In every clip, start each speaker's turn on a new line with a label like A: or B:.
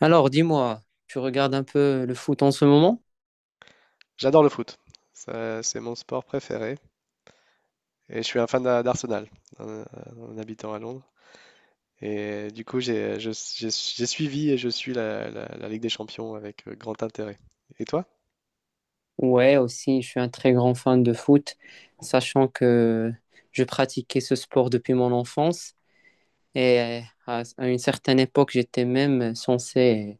A: Alors, dis-moi, tu regardes un peu le foot en ce moment?
B: J'adore le foot. Ça, c'est mon sport préféré. Et je suis un fan d'Arsenal, en, en habitant à Londres. Et du coup, j'ai suivi et je suis la Ligue des Champions avec grand intérêt. Et toi?
A: Ouais, aussi, je suis un très grand fan de foot, sachant que je pratiquais ce sport depuis mon enfance et à une certaine époque, j'étais même censé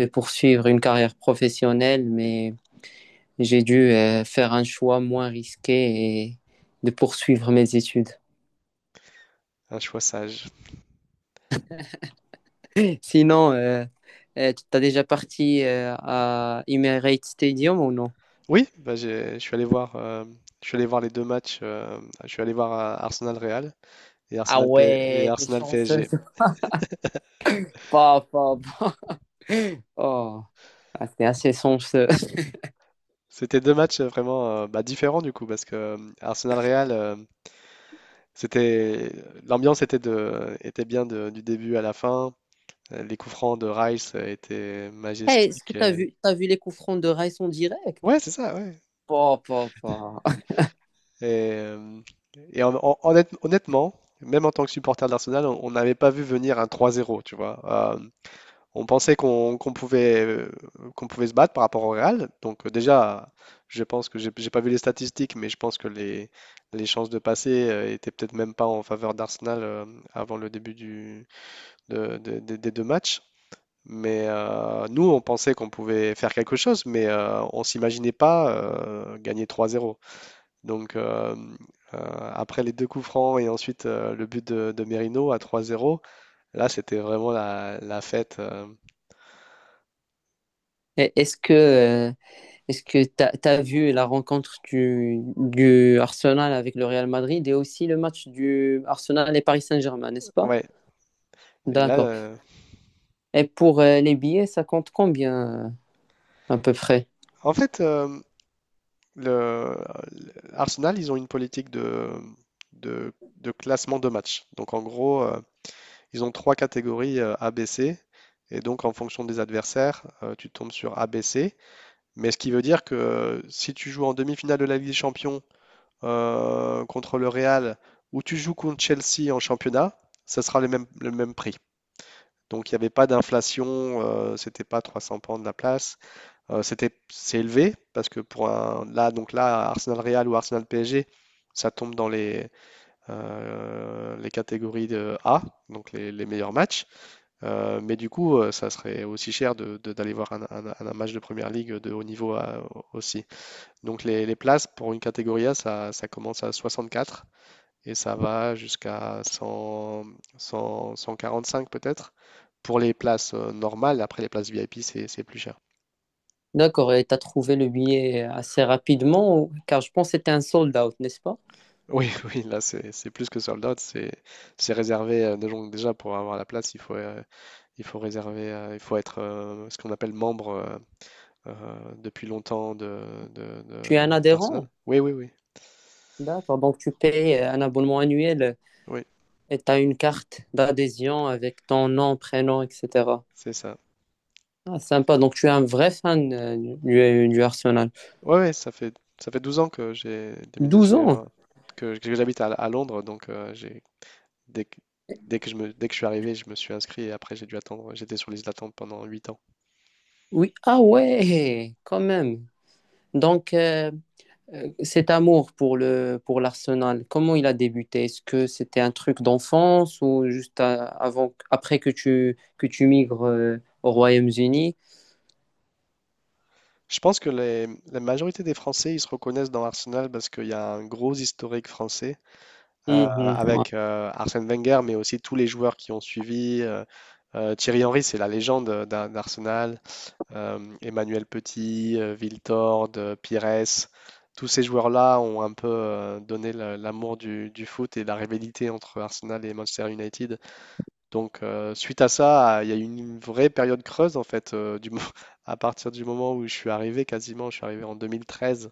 A: poursuivre une carrière professionnelle, mais j'ai dû faire un choix moins risqué et de poursuivre mes études.
B: Un choix sage.
A: Sinon, tu t'as déjà parti à Emirates Stadium ou non?
B: Oui, bah, je suis allé voir, je suis allé voir les deux matchs. Je suis allé voir Arsenal-Real et
A: Ah ouais, t'es
B: Arsenal
A: chanceux.
B: PSG.
A: Pas, pas. Oh, ah, c'est assez sombre ce.
B: C'était deux matchs vraiment bah, différents du coup parce que Arsenal-Real, c'était l'ambiance était de était bien de- du début à la fin. Les coups francs de Rice étaient
A: Eh, est-ce que
B: majestiques.
A: t'as vu les coups francs de Raïs en direct?
B: Ouais, c'est ça, ouais.
A: Pas, pas, pas.
B: Et, euh, et honnêtement, même en tant que supporter d'Arsenal, on n'avait pas vu venir un 3-0, tu vois. Euh, on pensait qu'on pouvait se battre par rapport au Real. Donc déjà, je pense que j'ai pas vu les statistiques, mais je pense que les chances de passer étaient peut-être même pas en faveur d'Arsenal avant le début du, de- des deux matchs. Mais nous, on pensait qu'on pouvait faire quelque chose, mais on s'imaginait pas gagner 3-0. Donc, après les deux coups francs et ensuite le but de Merino à 3-0, là, c'était vraiment la fête.
A: Eh, est-ce que, euh, est-ce que t'as, t'as vu la rencontre du Arsenal avec le Real Madrid et aussi le match du Arsenal et Paris Saint-Germain, n'est-ce pas?
B: Ouais. Et là,
A: D'accord. Et pour les billets, ça compte combien à peu près?
B: en fait, le, Arsenal, ils ont une politique de classement de match. Donc, en gros, ils ont trois catégories ABC. Et donc, en fonction des adversaires, tu tombes sur ABC. Mais ce qui veut dire que si tu joues en demi-finale de la Ligue des Champions contre le Real ou tu joues contre Chelsea en championnat, ça sera le même prix. Donc il n'y avait pas d'inflation, c'était pas 300 pounds de la place. C'est élevé parce que donc là, Arsenal Real ou Arsenal PSG, ça tombe dans les catégories de A, donc les meilleurs matchs. Mais du coup, ça serait aussi cher d'aller voir un match de première ligue de haut niveau aussi. Donc les places pour une catégorie A, ça commence à 64 et ça va jusqu'à 100, 100, 145 peut-être pour les places normales. Après les places VIP, c'est plus cher.
A: D'accord. Et t'as trouvé le billet assez rapidement, ou- car je pense que c'était un sold out, n'est-ce pas?
B: Oui, oui, là c'est plus que sold out, c'est réservé déjà, pour avoir la place, il faut réserver, il faut être ce qu'on appelle membre depuis longtemps
A: Tu es un
B: d'Arsenal.
A: adhérent?
B: Oui, oui, oui,
A: D'accord, donc tu payes un abonnement annuel
B: oui,
A: et tu as une carte d'adhésion avec ton nom, prénom, etc.
B: c'est ça.
A: Ah, sympa, donc tu es un vrai fan du Arsenal.
B: Ouais, ouais, ça fait 12 ans que j'ai
A: Douze
B: déménagé,
A: ans?
B: hein, que j'habite à Londres, donc j'ai dès que, dès que je suis arrivé, je me suis inscrit et après j'ai dû attendre. J'étais sur liste d'attente pendant 8 ans.
A: Oui, ah ouais, quand même. Donc cet amour pour le, pour l'Arsenal, comment il a débuté? Est-ce que c'était un truc d'enfance ou juste à- avant, après que tu migres au Royaume-Uni?
B: Je pense que la majorité des Français, ils se reconnaissent dans Arsenal parce qu'il y a un gros historique français. euh,
A: Mhm, ouais.
B: avec euh, Arsène Wenger, mais aussi tous les joueurs qui ont suivi. Thierry Henry, c'est la légende d'Arsenal. Emmanuel Petit, Wiltord, Pires, tous ces joueurs-là ont un peu donné l'amour du foot et la rivalité entre Arsenal et Manchester United. Donc, suite à ça, il y a eu une vraie période creuse en fait, à partir du moment où je suis arrivé, quasiment, je suis arrivé en 2013.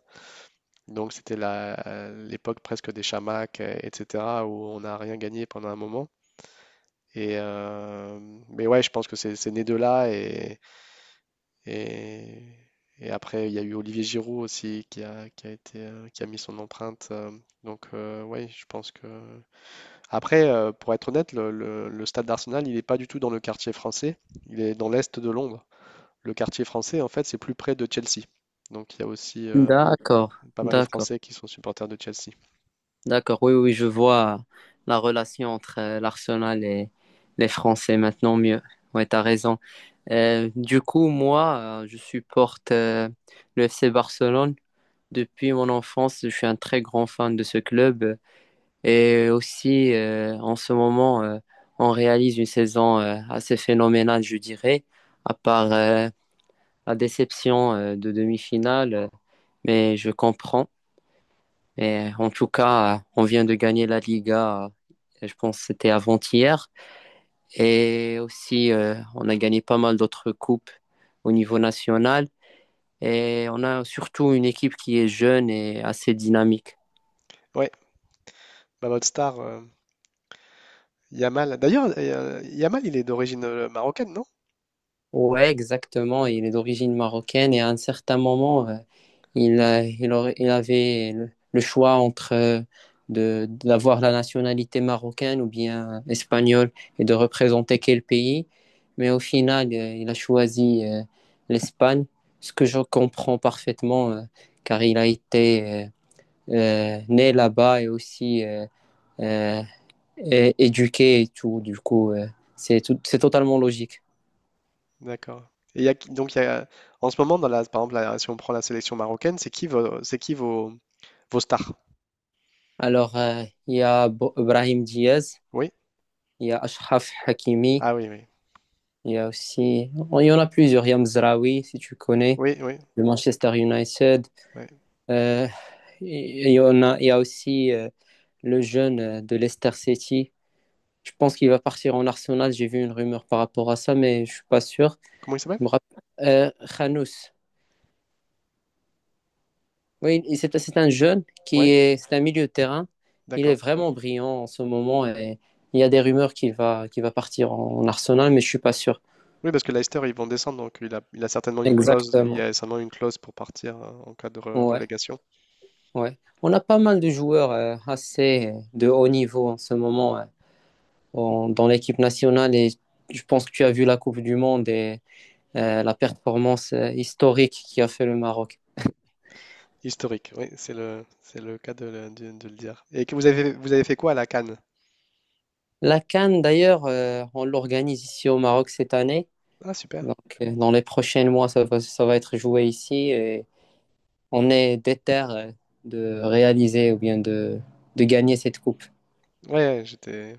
B: Donc c'était l'époque presque des chamacs, etc., où on n'a rien gagné pendant un moment. Et mais ouais, je pense que c'est né de là. Et, et après, il y a eu Olivier Giroud aussi qui a mis son empreinte. Donc, ouais, je pense que... Après, pour être honnête, le stade d'Arsenal, il n'est pas du tout dans le quartier français. Il est dans l'est de Londres. Le quartier français, en fait, c'est plus près de Chelsea. Donc il y a aussi
A: D'accord,
B: pas mal de
A: d'accord.
B: Français qui sont supporters de Chelsea.
A: D'accord, oui, oui, je vois la relation entre l'Arsenal et les Français maintenant mieux. Ouais, t'as raison. Du coup, moi, je supporte le FC Barcelone. Depuis mon enfance, je suis un très grand fan de ce club. Et aussi, en ce moment, on réalise une saison assez phénoménale, je dirais, à part la déception de demi-finale. Mais je comprends. Mais en tout cas, on vient de gagner la Liga, je pense que c'était avant-hier. Et aussi, on a gagné pas mal d'autres coupes au niveau national. Et on a surtout une équipe qui est jeune et assez dynamique.
B: Ouais, bah, votre star, Yamal. D'ailleurs, Yamal, il est d'origine marocaine, non?
A: Ouais, exactement. Il est d'origine marocaine et à un certain moment, Il, a- il aurait- il avait le choix entre d'avoir la nationalité marocaine ou bien espagnole et de représenter quel pays. Mais au final, il a choisi l'Espagne, ce que je comprends parfaitement, car il a été né là-bas et aussi euh, éduqué et tout. Du coup, c'est totalement logique.
B: D'accord. Et il y a qui- donc, il y a, en ce moment, par exemple, si on prend la sélection marocaine, c'est qui vos stars?
A: Alors, il y a Brahim Diaz,
B: Oui?
A: il y a Achraf Hakimi.
B: Ah oui, oui.
A: Il y a aussi, oh, il y en a plusieurs. Il y a Mzraoui, si tu connais,
B: Oui, oui.
A: le Manchester United.
B: Ouais.
A: Euh, il y a aussi le jeune de Leicester City. Je pense qu'il va partir en Arsenal. J'ai vu une rumeur par rapport à ça, mais je suis pas sûr.
B: Comment il s'appelle?
A: Je me rappelle. Khanous. Oui, et c'est un jeune qui
B: Oui,
A: est, c'est un milieu de terrain. Il est
B: d'accord.
A: vraiment brillant en ce moment et il y a des rumeurs qu'il va partir en Arsenal, mais je suis pas sûr.
B: Oui, parce que Leicester, ils vont descendre, donc il y
A: Exactement.
B: a certainement une clause pour partir en cas de
A: Ouais.
B: relégation.
A: Ouais. On a pas mal de joueurs assez de haut niveau en ce moment dans l'équipe nationale et je pense que tu as vu la Coupe du Monde et la performance historique qui a fait le Maroc.
B: Historique, oui, c'est le cas de le dire. Et que vous avez fait quoi à la Cannes?
A: La CAN d'ailleurs, on l'organise ici au Maroc cette année.
B: Ah, super.
A: Donc dans les prochains mois, ça va être joué ici et on est déter de réaliser ou bien de gagner cette coupe.
B: Ouais, ouais, j'étais.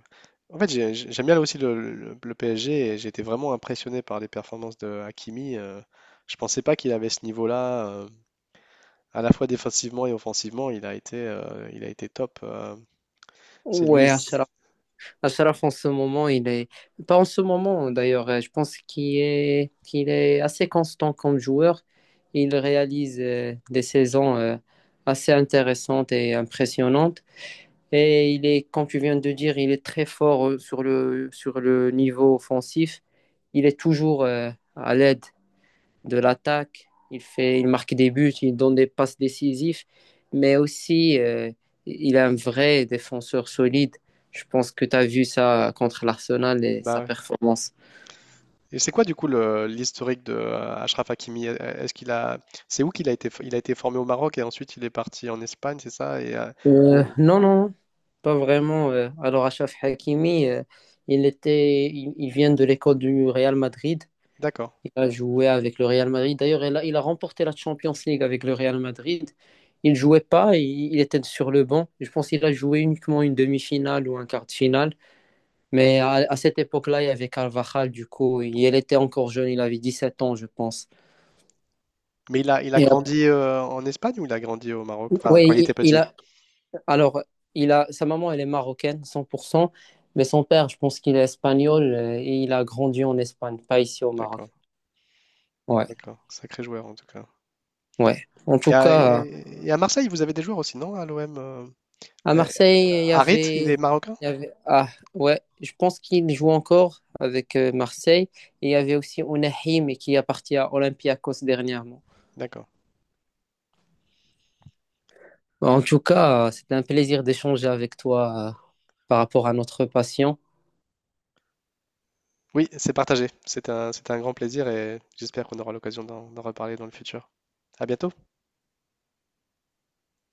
B: En fait, j'aime bien là aussi le PSG et j'ai été vraiment impressionné par les performances de Hakimi. Je pensais pas qu'il avait ce niveau-là, à la fois défensivement et offensivement. Il a été top. C'est lui.
A: Ouais, Ashraf, en ce moment, il est. Pas en ce moment, d'ailleurs. Je pense qu'il est assez constant comme joueur. Il réalise des saisons assez intéressantes et impressionnantes. Et il est, comme tu viens de dire, il est très fort sur le niveau offensif. Il est toujours à l'aide de l'attaque. Il, fait, il marque des buts, il donne des passes décisives, mais aussi il est un vrai défenseur solide. Je pense que tu as vu ça contre l'Arsenal et sa
B: Bah,
A: performance.
B: et c'est quoi du coup l'historique de Achraf Hakimi? Est-ce qu'il a, c'est où qu'il a été, f- il a été formé au Maroc et ensuite il est parti en Espagne, c'est ça? Au-
A: Non, non, pas vraiment. Alors, Achraf Hakimi, il était, il vient de l'école du Real Madrid.
B: D'accord.
A: Il a joué avec le Real Madrid. D'ailleurs, il a remporté la Champions League avec le Real Madrid. Il jouait pas, il était sur le banc. Je pense qu'il a joué uniquement une demi-finale ou un quart de finale. Mais à cette époque-là, il y avait Carvajal, du coup, il était encore jeune, il avait 17 ans, je pense.
B: Mais il a
A: Et après-
B: grandi en Espagne ou il a grandi au Maroc? Enfin, quand il était
A: oui, il
B: petit.
A: a, alors, il a, sa maman, elle est marocaine, 100%, mais son père, je pense qu'il est espagnol et il a grandi en Espagne, pas ici au Maroc.
B: D'accord,
A: Ouais,
B: d'accord. Sacré joueur en tout cas.
A: ouais. En
B: Et
A: tout
B: à,
A: cas,
B: et à Marseille, vous avez des joueurs aussi, non? À l'OM.
A: à
B: Euh,
A: Marseille,
B: Harit, il est marocain?
A: il y avait, ah, ouais, je pense qu'il joue encore avec Marseille. Et il y avait aussi Ounahim qui est parti à Olympiakos dernièrement.
B: D'accord.
A: Bah, en tout cas, c'était un plaisir d'échanger avec toi par rapport à notre patient.
B: Oui, c'est partagé. C'était un grand plaisir et j'espère qu'on aura l'occasion d'en reparler dans le futur. À bientôt.